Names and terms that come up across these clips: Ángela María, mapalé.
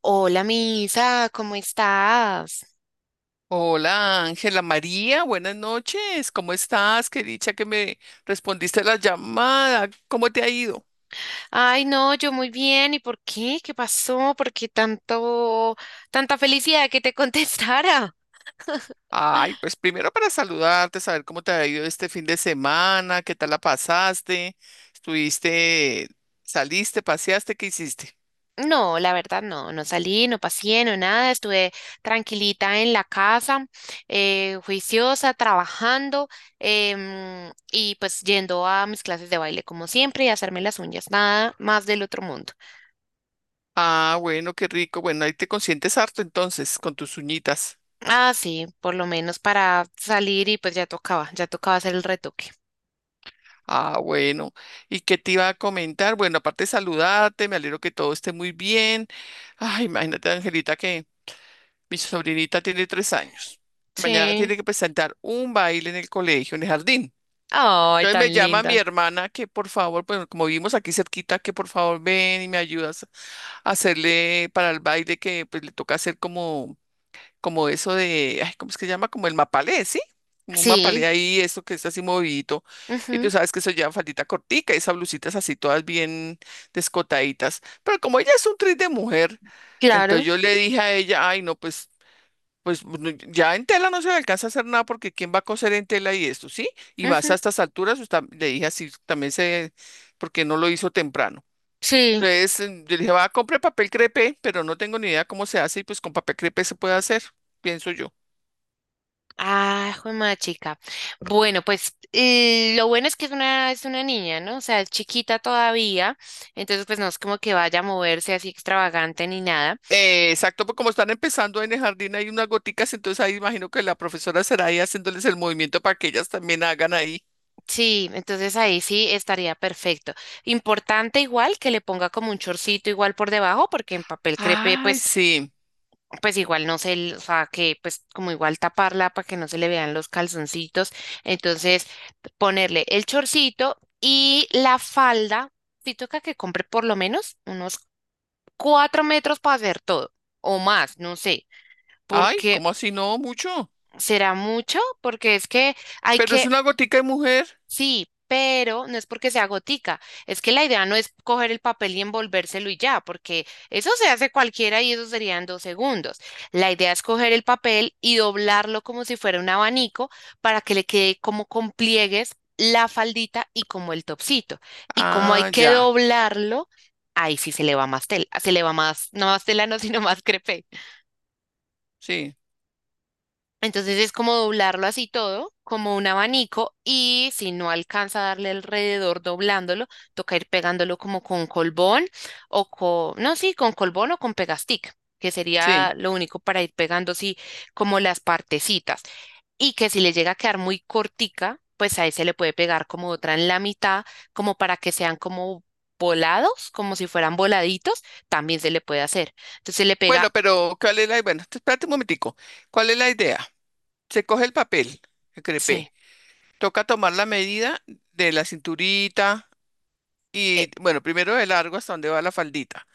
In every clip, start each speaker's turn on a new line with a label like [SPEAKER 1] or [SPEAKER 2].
[SPEAKER 1] Hola, Misa, ¿cómo estás?
[SPEAKER 2] Hola Ángela María, buenas noches. ¿Cómo estás? Qué dicha que me respondiste la llamada. ¿Cómo te ha ido?
[SPEAKER 1] Ay, no, yo muy bien. ¿Y por qué? ¿Qué pasó? ¿Por qué tanta felicidad que te contestara?
[SPEAKER 2] Ay, pues primero para saludarte, saber cómo te ha ido este fin de semana, qué tal la pasaste, estuviste, saliste, paseaste, ¿qué hiciste?
[SPEAKER 1] No, la verdad no salí, no pasé, no nada, estuve tranquilita en la casa, juiciosa, trabajando y pues yendo a mis clases de baile como siempre y hacerme las uñas, nada más del otro mundo.
[SPEAKER 2] Ah, bueno, qué rico. Bueno, ahí te consientes harto entonces con tus uñitas.
[SPEAKER 1] Ah, sí, por lo menos para salir y pues ya tocaba hacer el retoque.
[SPEAKER 2] Ah, bueno. ¿Y qué te iba a comentar? Bueno, aparte de saludarte, me alegro que todo esté muy bien. Ay, imagínate, Angelita, que mi sobrinita tiene 3 años. Mañana
[SPEAKER 1] Sí.
[SPEAKER 2] tiene que presentar un baile en el colegio, en el jardín.
[SPEAKER 1] Ay,
[SPEAKER 2] Entonces
[SPEAKER 1] tan
[SPEAKER 2] me llama mi
[SPEAKER 1] linda.
[SPEAKER 2] hermana que por favor, bueno, como vivimos aquí cerquita, que por favor ven y me ayudas a hacerle para el baile que pues le toca hacer como eso de, ay, ¿cómo es que se llama? Como el mapalé, ¿sí? Como un
[SPEAKER 1] Sí,
[SPEAKER 2] mapalé ahí, eso que es así movidito. Y tú
[SPEAKER 1] ujú,
[SPEAKER 2] sabes que eso lleva faldita cortica, esas blusitas así todas bien descotaditas. Pero como ella es un tris de mujer,
[SPEAKER 1] claro.
[SPEAKER 2] entonces yo le dije a ella, ay, no, pues, ya en tela no se le alcanza a hacer nada porque quién va a coser en tela y esto, ¿sí? Y más a
[SPEAKER 1] Ujú,
[SPEAKER 2] estas alturas, pues, le dije así, también sé porque no lo hizo temprano.
[SPEAKER 1] sí.
[SPEAKER 2] Entonces, yo le dije, va, compre papel crepé, pero no tengo ni idea cómo se hace y pues con papel crepé se puede hacer, pienso yo.
[SPEAKER 1] Ah, de chica. Bueno, pues lo bueno es que es es una niña, ¿no? O sea, es chiquita todavía. Entonces, pues no es como que vaya a moverse así extravagante ni nada.
[SPEAKER 2] Exacto, pues como están empezando en el jardín hay unas goticas, entonces ahí imagino que la profesora será ahí haciéndoles el movimiento para que ellas también hagan ahí.
[SPEAKER 1] Sí, entonces ahí sí estaría perfecto. Importante igual que le ponga como un chorcito igual por debajo, porque en papel crepe,
[SPEAKER 2] Ay,
[SPEAKER 1] pues
[SPEAKER 2] sí.
[SPEAKER 1] pues igual no se, l- o sea, que pues como igual taparla para que no se le vean los calzoncitos. Entonces, ponerle el chorcito y la falda, si toca que compre por lo menos unos 4 metros para hacer todo, o más, no sé,
[SPEAKER 2] Ay,
[SPEAKER 1] porque
[SPEAKER 2] ¿cómo así? No, mucho.
[SPEAKER 1] será mucho, porque es que hay
[SPEAKER 2] Pero es
[SPEAKER 1] que
[SPEAKER 2] una gotica de mujer.
[SPEAKER 1] Sí, pero no es porque sea gotica, es que la idea no es coger el papel y envolvérselo y ya, porque eso se hace cualquiera y eso sería en dos segundos. La idea es coger el papel y doblarlo como si fuera un abanico para que le quede como con pliegues la faldita y como el topsito. Y como hay
[SPEAKER 2] Ah,
[SPEAKER 1] que
[SPEAKER 2] ya.
[SPEAKER 1] doblarlo, ahí sí se le va más tela, se le va más, no más tela, no, sino más crepe.
[SPEAKER 2] Sí,
[SPEAKER 1] Entonces es como doblarlo así todo, como un abanico, y si no alcanza a darle alrededor doblándolo, toca ir pegándolo como con colbón o no, sí, con colbón o con pegastick, que
[SPEAKER 2] sí.
[SPEAKER 1] sería lo único para ir pegando así como las partecitas. Y que si le llega a quedar muy cortica, pues ahí se le puede pegar como otra en la mitad, como para que sean como volados, como si fueran voladitos, también se le puede hacer. Entonces se le pega,
[SPEAKER 2] Bueno, pero ¿cuál es la? Bueno, espérate un momentico. ¿Cuál es la idea? Se coge el papel, el
[SPEAKER 1] sí.
[SPEAKER 2] crepé. Toca tomar la medida de la cinturita y, bueno, primero de largo hasta donde va la faldita.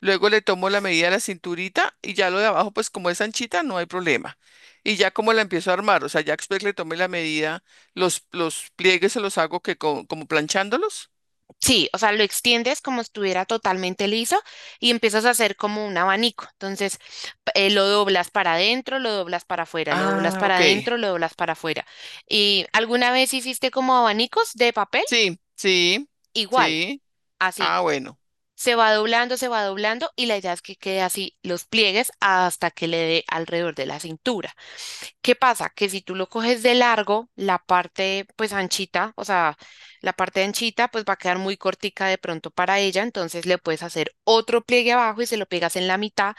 [SPEAKER 2] Luego le tomo la medida de la cinturita y ya lo de abajo, pues como es anchita, no hay problema. Y ya como la empiezo a armar, o sea, ya después le tomé la medida, los pliegues se los hago que como planchándolos.
[SPEAKER 1] Sí, o sea, lo extiendes como si estuviera totalmente liso y empiezas a hacer como un abanico. Entonces, lo doblas para adentro, lo doblas para afuera, lo doblas
[SPEAKER 2] Ah,
[SPEAKER 1] para
[SPEAKER 2] ok.
[SPEAKER 1] adentro, lo doblas para afuera. ¿Y alguna vez hiciste como abanicos de papel?
[SPEAKER 2] Sí, sí,
[SPEAKER 1] Igual,
[SPEAKER 2] sí.
[SPEAKER 1] así.
[SPEAKER 2] Ah, bueno.
[SPEAKER 1] Se va doblando y la idea es que quede así los pliegues hasta que le dé alrededor de la cintura. ¿Qué pasa? Que si tú lo coges de largo, la parte pues anchita, o sea, la parte anchita pues va a quedar muy cortica de pronto para ella, entonces le puedes hacer otro pliegue abajo y se lo pegas en la mitad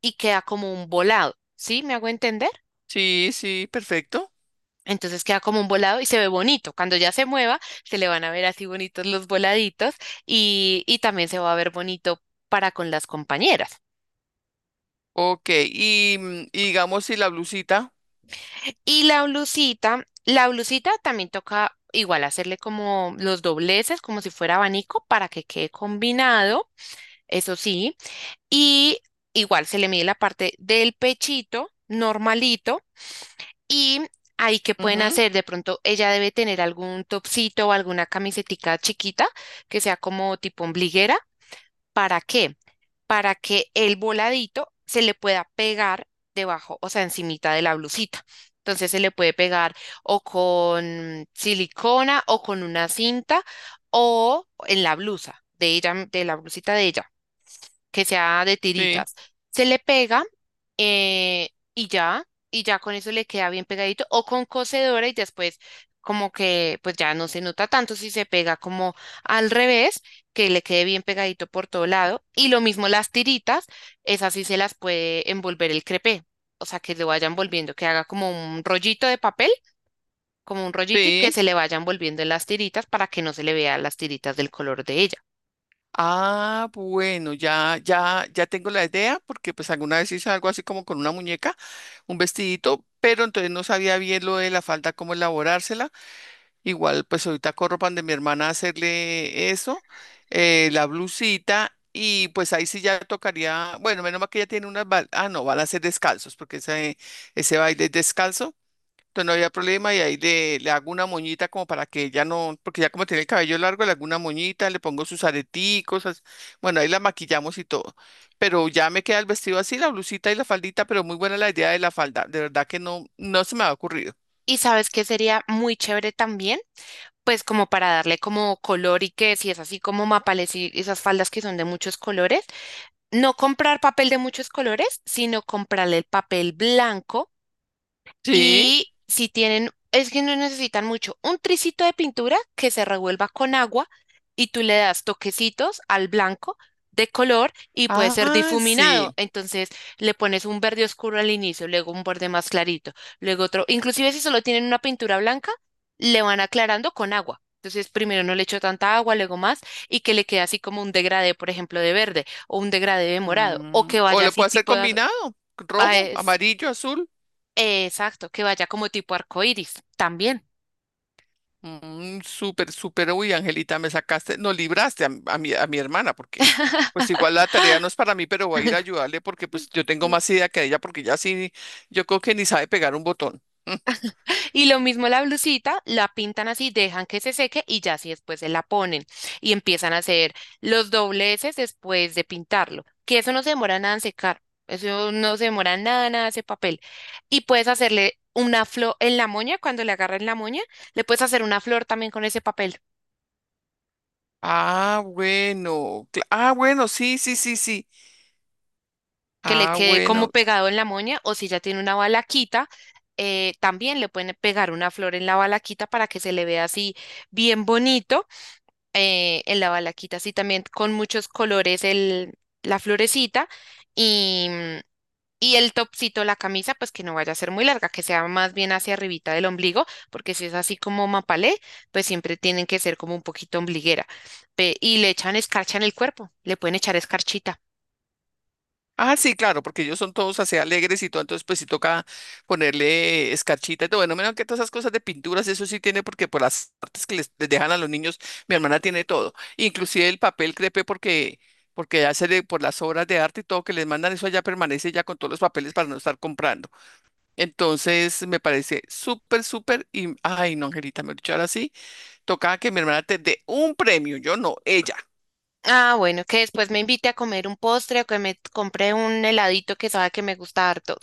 [SPEAKER 1] y queda como un volado, ¿sí? ¿Me hago entender?
[SPEAKER 2] Sí, sí, perfecto.
[SPEAKER 1] Entonces queda como un volado y se ve bonito. Cuando ya se mueva, se le van a ver así bonitos los voladitos y también se va a ver bonito para con las compañeras.
[SPEAKER 2] Ok, y digamos si la blusita.
[SPEAKER 1] Y la blusita también toca igual hacerle como los dobleces, como si fuera abanico, para que quede combinado, eso sí. Y igual se le mide la parte del pechito normalito y ahí que pueden
[SPEAKER 2] Ujú.
[SPEAKER 1] hacer, de pronto ella debe tener algún topsito o alguna camisetica chiquita que sea como tipo ombliguera. ¿Para qué? Para que el voladito se le pueda pegar debajo, o sea, encimita de la blusita. Entonces se le puede pegar o con silicona o con una cinta o en la blusa de ella, de la blusita de ella que sea de
[SPEAKER 2] Sí,
[SPEAKER 1] tiritas. Se le pega eh, y ya, y ya con eso le queda bien pegadito o con cocedora y después como que pues ya no se nota tanto si se pega como al revés, que le quede bien pegadito por todo lado. Y lo mismo las tiritas, esas sí se las puede envolver el crepé. O sea, que lo vayan volviendo, que haga como un rollito de papel, como un rollito y que
[SPEAKER 2] sí.
[SPEAKER 1] se le vayan volviendo en las tiritas para que no se le vean las tiritas del color de ella.
[SPEAKER 2] Ah, bueno, ya, ya, ya tengo la idea, porque pues alguna vez hice algo así como con una muñeca, un vestidito, pero entonces no sabía bien lo de la falda, cómo elaborársela. Igual, pues ahorita corro pan de mi hermana a hacerle eso, la blusita, y pues ahí sí ya tocaría, bueno, menos mal que ella tiene unas, ah, no, van a ser descalzos, porque ese baile es descalzo. Entonces no había problema y ahí le hago una moñita como para que ella no, porque ya como tiene el cabello largo, le hago una moñita, le pongo sus areticos, bueno, ahí la maquillamos y todo. Pero ya me queda el vestido así, la blusita y la faldita, pero muy buena la idea de la falda, de verdad que no, no se me ha ocurrido.
[SPEAKER 1] ¿Y sabes qué sería muy chévere también? Pues como para darle como color y que si es así como mapales y esas faldas que son de muchos colores, no comprar papel de muchos colores, sino comprarle el papel blanco
[SPEAKER 2] Sí.
[SPEAKER 1] y si tienen, es que no necesitan mucho, un tricito de pintura que se revuelva con agua y tú le das toquecitos al blanco de color y puede ser
[SPEAKER 2] Ah,
[SPEAKER 1] difuminado.
[SPEAKER 2] sí.
[SPEAKER 1] Entonces le pones un verde oscuro al inicio, luego un verde más clarito, luego otro. Inclusive si solo tienen una pintura blanca, le van aclarando con agua. Entonces primero no le echo tanta agua, luego más, y que le quede así como un degradé, por ejemplo, de verde o un degradé de morado, o
[SPEAKER 2] Mm,
[SPEAKER 1] que
[SPEAKER 2] O
[SPEAKER 1] vaya
[SPEAKER 2] lo
[SPEAKER 1] así
[SPEAKER 2] puedo hacer
[SPEAKER 1] tipo de az-
[SPEAKER 2] combinado, rojo, amarillo, azul.
[SPEAKER 1] Exacto, que vaya como tipo arcoíris también.
[SPEAKER 2] Mm, súper, súper, uy, Angelita, me sacaste, no libraste a mi hermana, porque pues igual la tarea no es para mí, pero voy a ir a ayudarle porque pues yo tengo más idea que ella, porque ya sí, yo creo que ni sabe pegar un botón.
[SPEAKER 1] Y lo mismo la blusita, la pintan así, dejan que se seque y ya así después se la ponen y empiezan a hacer los dobleces después de pintarlo, que eso no se demora nada en secar, eso no se demora nada, nada ese papel. Y puedes hacerle una flor en la moña, cuando le agarran la moña, le puedes hacer una flor también con ese papel.
[SPEAKER 2] Ah, bueno, ah, bueno, sí, sí, sí, sí.
[SPEAKER 1] Que le
[SPEAKER 2] Ah,
[SPEAKER 1] quede como
[SPEAKER 2] bueno.
[SPEAKER 1] pegado en la moña, o si ya tiene una balaquita, también le pueden pegar una flor en la balaquita para que se le vea así bien bonito en la balaquita, así también con muchos colores la florecita y, y el topcito, la camisa, pues que no vaya a ser muy larga, que sea más bien hacia arribita del ombligo, porque si es así como mapalé, pues siempre tienen que ser como un poquito ombliguera. Y le echan escarcha en el cuerpo, le pueden echar escarchita.
[SPEAKER 2] Ah, sí, claro, porque ellos son todos así alegres y todo, entonces pues sí toca ponerle escarchita y todo. Bueno, menos que todas esas cosas de pinturas, eso sí tiene, porque por las artes que les dejan a los niños, mi hermana tiene todo, inclusive el papel crepe, porque porque por las obras de arte y todo que les mandan, eso allá permanece ya con todos los papeles para no estar comprando. Entonces me parece súper, súper, y ay, no, Angelita, me dicho ahora sí, toca que mi hermana te dé un premio, yo no, ella.
[SPEAKER 1] Ah, bueno, que después me invite a comer un postre o que me compre un heladito que sabe que me gusta harto.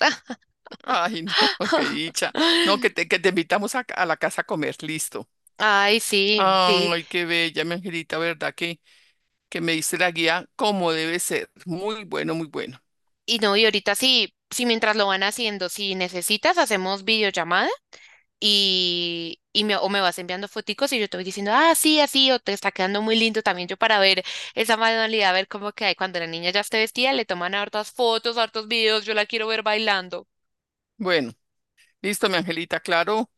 [SPEAKER 2] Ay, no, qué dicha. No, que te invitamos a la casa a comer, listo.
[SPEAKER 1] Ay, sí, sí.
[SPEAKER 2] Ay, qué bella, mi angelita, ¿verdad? Que me diste la guía como debe ser. Muy bueno, muy bueno.
[SPEAKER 1] Y no, y ahorita sí, sí, mientras lo van haciendo, si necesitas, hacemos videollamada y me, o me vas enviando foticos y yo te voy diciendo, ah, sí, así, o te está quedando muy lindo también yo para ver esa manualidad, a ver cómo que hay cuando la niña ya esté vestida, le toman hartas fotos, hartos videos, yo la quiero ver bailando.
[SPEAKER 2] Bueno, listo, mi angelita, claro,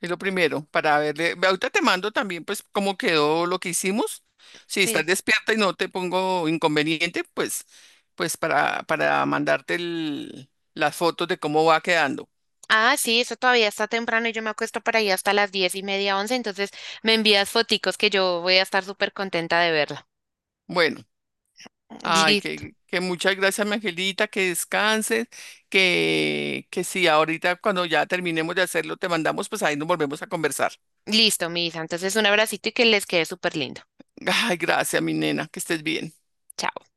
[SPEAKER 2] es lo primero para verle. Ahorita te mando también, pues, cómo quedó lo que hicimos. Si estás
[SPEAKER 1] Sí.
[SPEAKER 2] despierta y no te pongo inconveniente, pues, para mandarte las fotos de cómo va quedando.
[SPEAKER 1] Ah, sí, eso todavía está temprano y yo me acuesto para ahí hasta las 10 y media, 11, entonces me envías foticos que yo voy a estar súper contenta de verla.
[SPEAKER 2] Bueno. Ay,
[SPEAKER 1] Listo,
[SPEAKER 2] que muchas gracias, mi angelita, que descanses, que sí, ahorita cuando ya terminemos de hacerlo, te mandamos, pues ahí nos volvemos a conversar.
[SPEAKER 1] listo, Misa. Entonces un abracito y que les quede súper lindo.
[SPEAKER 2] Ay, gracias, mi nena, que estés bien.
[SPEAKER 1] Chao.